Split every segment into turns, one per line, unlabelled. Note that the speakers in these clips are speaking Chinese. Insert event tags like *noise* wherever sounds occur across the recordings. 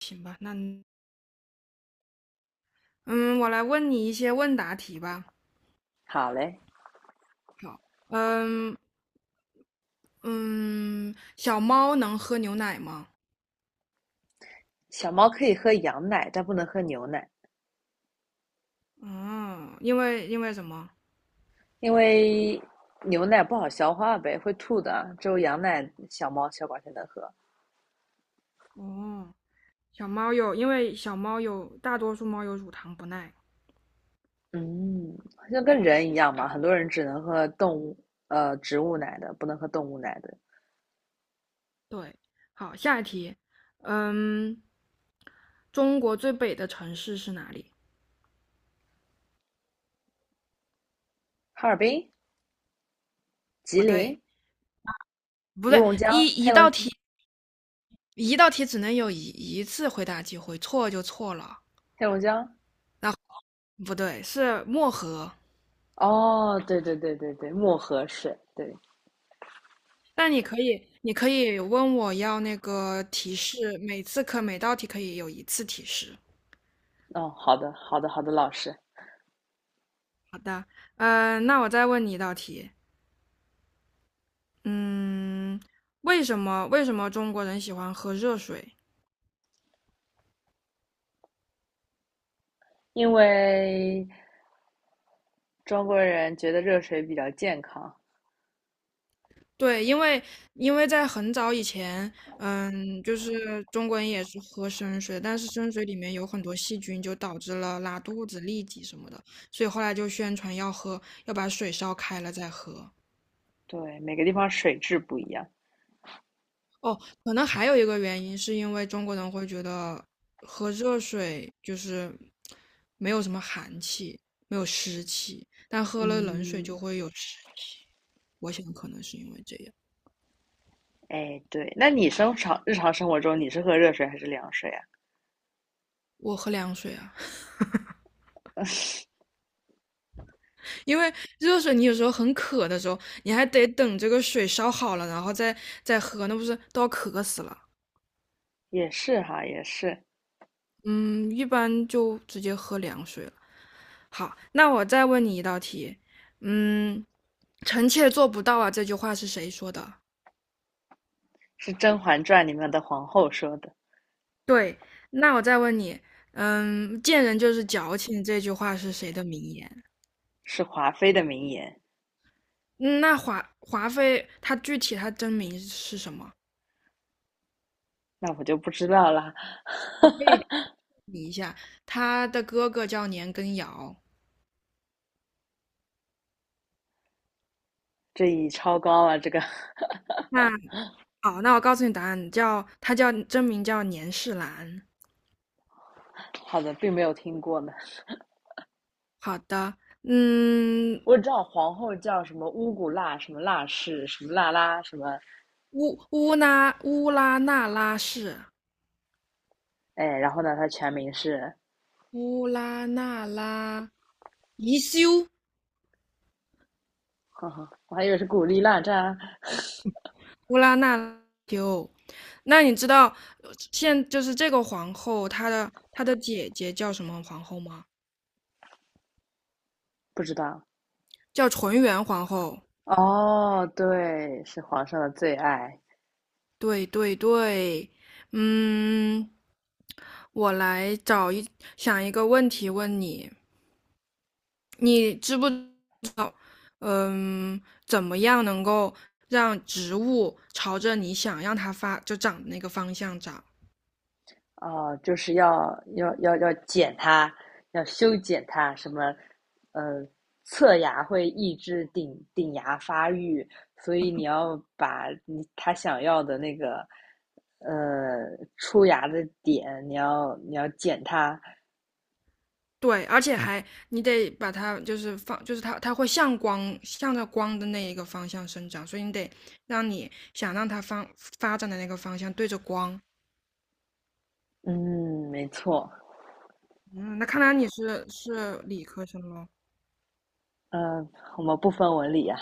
行吧，那嗯，我来问你一些问答题吧。
好嘞。
好，嗯嗯，小猫能喝牛奶吗？
小猫可以喝羊奶，但不能喝牛奶，
嗯，因为什么？
因为牛奶不好消化呗，会吐的。只有羊奶，小猫、小狗才能喝。
哦，小猫有，因为小猫有，大多数猫有乳糖不耐。
嗯，就跟人一样嘛，
好，
很多人只能喝动物植物奶的，不能喝动物奶的。
对，好，下一题。嗯，中国最北的城市是哪里？
哈尔滨、吉
不对，
林、
不
乌
对，
龙江、黑龙
一道题只能有一次回答机会，错就错了。
黑龙江。
不对，是漠河。
哦，对对对对对，漠河水。对。
但你可以问我要那个提示，每道题可以有一次提示。
哦，好的好的好的，老师。
好的，那我再问你一道题。嗯，为什么中国人喜欢喝热水？
因为中国人觉得热水比较健康。
对，因为在很早以前，就是中国人也是喝生水，但是生水里面有很多细菌，就导致了拉肚子、痢疾什么的，所以后来就宣传要喝，要把水烧开了再喝。
对，每个地方水质不一样。
哦，可能还有一个原因，是因为中国人会觉得喝热水就是没有什么寒气，没有湿气，但喝了冷水
嗯，
就会有湿气。我想可能是因为这样。
哎，对，那你日常生活中你是喝热水还是凉水啊？
我喝凉水啊，*laughs* 因为热水你有时候很渴的时候，你还得等这个水烧好了，然后再喝，那不是都要渴死了。
也是哈，也是。
嗯，一般就直接喝凉水了。好，那我再问你一道题。嗯，臣妾做不到啊，这句话是谁说的？
是《甄嬛传》里面的皇后说的。
对，那我再问你。贱人就是矫情，这句话是谁的名言？
是华妃的名言。
嗯，那华妃她具体她真名是什么？
那我就不知道啦。
我问你一下，她的哥哥叫年羹尧。
这已超高了。这个
那好，那我告诉你答案，叫她叫真名叫年世兰。
*laughs* 好的，并没有听过呢。
好的。
*laughs*
嗯，
我知道皇后叫什么乌古辣，什么辣氏，什么辣拉，什么
乌拉那拉氏。
哎，然后呢，她全名是，
乌拉那拉宜修，
*laughs* 呵呵，我还以为是古力娜扎。
乌拉那拉修。那你知道呃现就是这个皇后，她的姐姐叫什么皇后吗？
不知道。
叫纯元皇后。
哦，对，是皇上的最爱。
对对对。嗯，我来想一个问题问你。你知不嗯怎么样能够让植物朝着你想让它就长的那个方向长？
哦，就是要剪它，要修剪它，什么，呃，侧牙会抑制顶牙发育，所以你要把你他想要的那个，呃，出牙的点，你要剪它。
对，而且还你得把它就是放，就是它会向着光的那一个方向生长，所以你得让你想让它发展的那个方向对着光。
嗯，没错。
嗯，那看来你是理科生喽？
嗯，我们不分文理啊。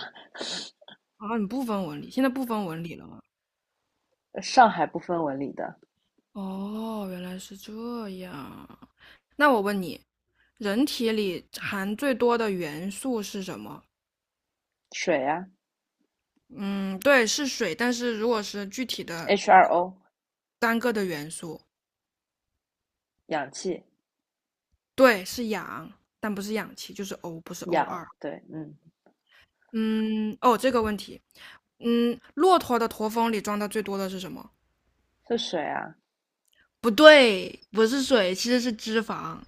啊，你不分文理，现在不分文理了吗？
上海不分文理的。
哦，原来是这样。那我问你，人体里含最多的元素是什么？
水啊
嗯，对，是水，但是如果是具体的
，H2O，
单个的元素，
氧气，
对，是氧，但不是氧气，就是 O，不是
氧，
O2。
对，嗯，
嗯，哦，这个问题。骆驼的驼峰里装的最多的是什么？
是水啊。
不对，不是水，其实是脂肪。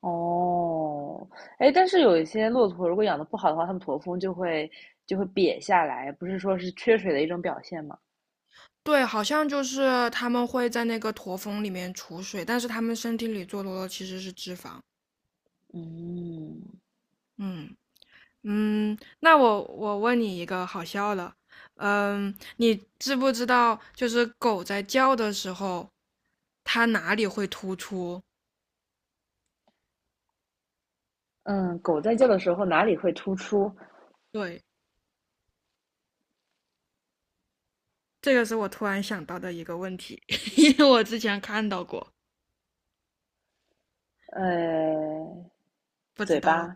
哦，哎，但是有一些骆驼，如果养的不好的话，它们驼峰就会瘪下来，不是说是缺水的一种表现吗？
对，好像就是他们会在那个驼峰里面储水，但是他们身体里最多的其实是脂肪。
嗯。
嗯那我问你一个好笑的。你知不知道就是狗在叫的时候，它哪里会突出？
嗯，狗在叫的时候哪里会突出？
对，这个是我突然想到的一个问题，*laughs* 因为我之前看到过。
呃，
不知
嘴
道了。
巴、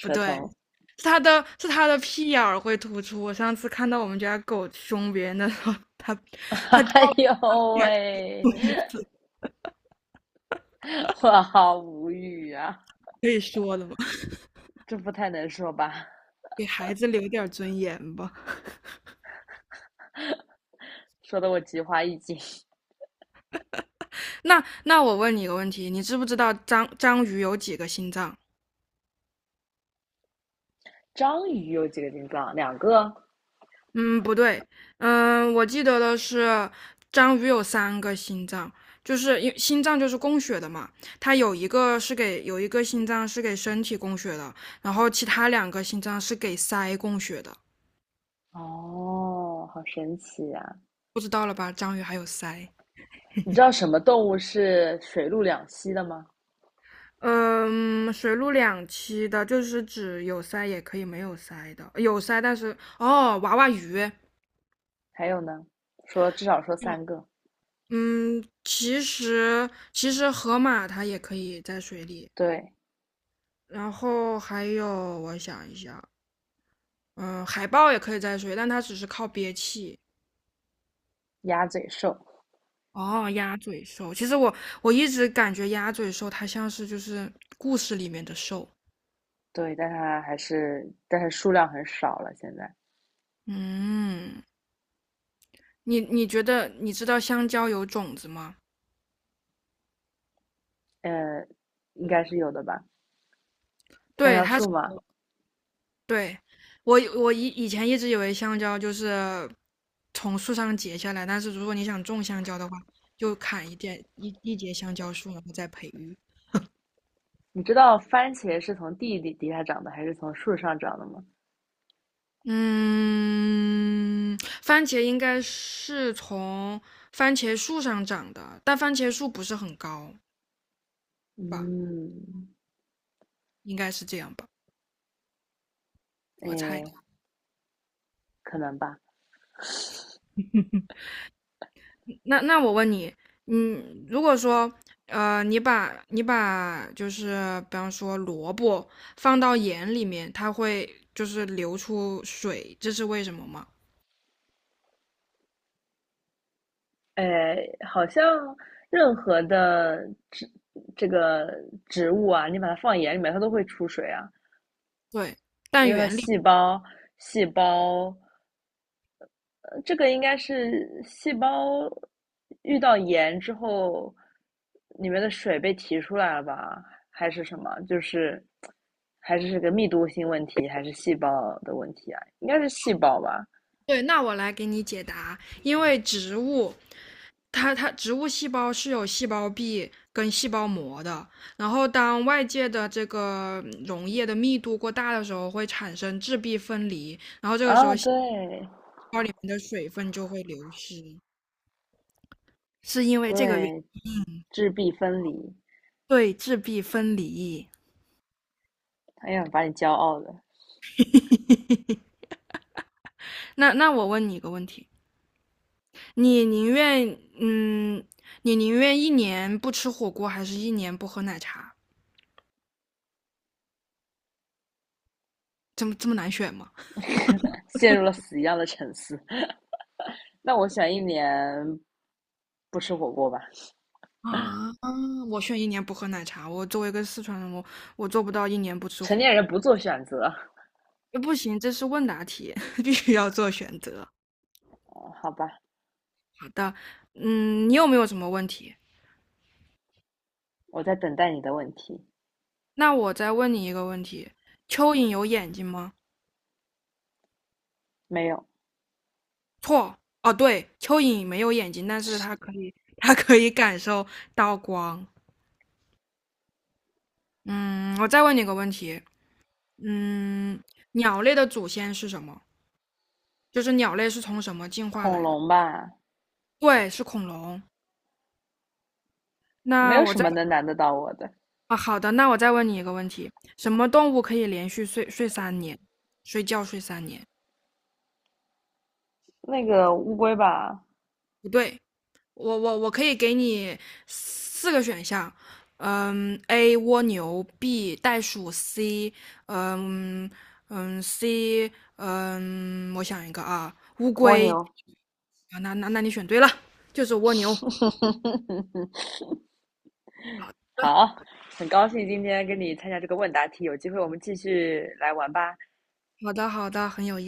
不对，
头。
是他的屁眼儿会突出。我上次看到我们家狗凶别人的时候，他
*laughs*
他
哎
掉了一
呦
点儿
喂，
东西。
我好无语啊！
可以说的吗？*laughs*
这不太能说吧？
给孩子留点儿尊严吧。
说的我菊花一紧。*laughs*
那我问你一个问题。你知不知道章鱼有几个心脏？
章鱼有几个心脏？两个。
嗯，不对。我记得的是章鱼有3个心脏，就是心脏就是供血的嘛，它有一个心脏是给身体供血的，然后其他2个心脏是给鳃供血的。
哦，好神奇啊。
不知道了吧？章鱼还有鳃。
你知道什么动物是水陆两栖的吗？
嗯，水陆两栖的，就是指有鳃也可以没有鳃的，有鳃但是哦，娃娃鱼。
还有呢，说至少说三个。
嗯，其实河马它也可以在水里，
对，
然后还有我想一下。嗯，海豹也可以在水，但它只是靠憋气。
鸭嘴兽。
哦，鸭嘴兽，其实我一直感觉鸭嘴兽它像是就是故事里面的兽。
对，但它还是，但是数量很少了，现在。
嗯，你觉得你知道香蕉有种子吗？
呃，应该是有的吧？香
对，
蕉树嘛。
对，我以前一直以为香蕉就是从树上结下来，但是如果你想种香蕉的话，就砍一点一一节香蕉树，然后再培育。
你知道番茄是从地底下长的还是从树上长的吗？
嗯，番茄应该是从番茄树上长的，但番茄树不是很高，
嗯，
应该是这样吧，我猜。
哎，可能吧。
那我问你。如果说，你把就是比方说萝卜放到盐里面，它会就是流出水，这是为什么吗？
哎，好像任何的植这个植物啊，你把它放眼里面，它都会出水啊。
对，
因
但
为它
原理，
细胞细胞这个应该是细胞遇到盐之后，里面的水被提出来了吧？还是什么？就是还是这个密度性问题，还是细胞的问题啊？应该是细胞吧？
对，那我来给你解答，因为植物细胞是有细胞壁跟细胞膜的，然后当外界的这个溶液的密度过大的时候，会产生质壁分离，
啊，对
你的水分就会流失，是因为这个原因。
对，质壁分离。
对，质壁分离。
哎呀，把你骄傲的
那我问你一个问题。你宁愿嗯，你宁愿一年不吃火锅，还是一年不喝奶茶？这么难选吗？
陷入了死一样的沉思。那我选一年不吃火锅吧。
啊，我选一年不喝奶茶。我作为一个四川人，我做不到一年不吃
成
火
年人
锅。
不做选择。
不行，这是问答题，*laughs* 必须要做选择。
哦好吧。
好的。你有没有什么问题？
我在等待你的问题。
那我再问你一个问题：蚯蚓有眼睛吗？
没有。
错。哦，对，蚯蚓没有眼睛，但是它可以，*laughs* 它可以感受到光。嗯，我再问你个问题。嗯，鸟类的祖先是什么？就是鸟类是从什么进化
恐
来的？
龙吧？
对，是恐龙。
没
那
有
我
什
再
么能难得到我的。
啊，好的，那我再问你一个问题：什么动物可以连续睡三年，睡觉睡三年？
那个乌龟吧。
不对，我可以给你4个选项。A 蜗牛，B 袋鼠，C 嗯我想一个啊，乌
蜗
龟。
牛。
啊，那你选对了，就是蜗牛。
*laughs* 好，很高兴今天跟你参加这个问答题，有机会我们继续来玩吧。
好的好的，很有意。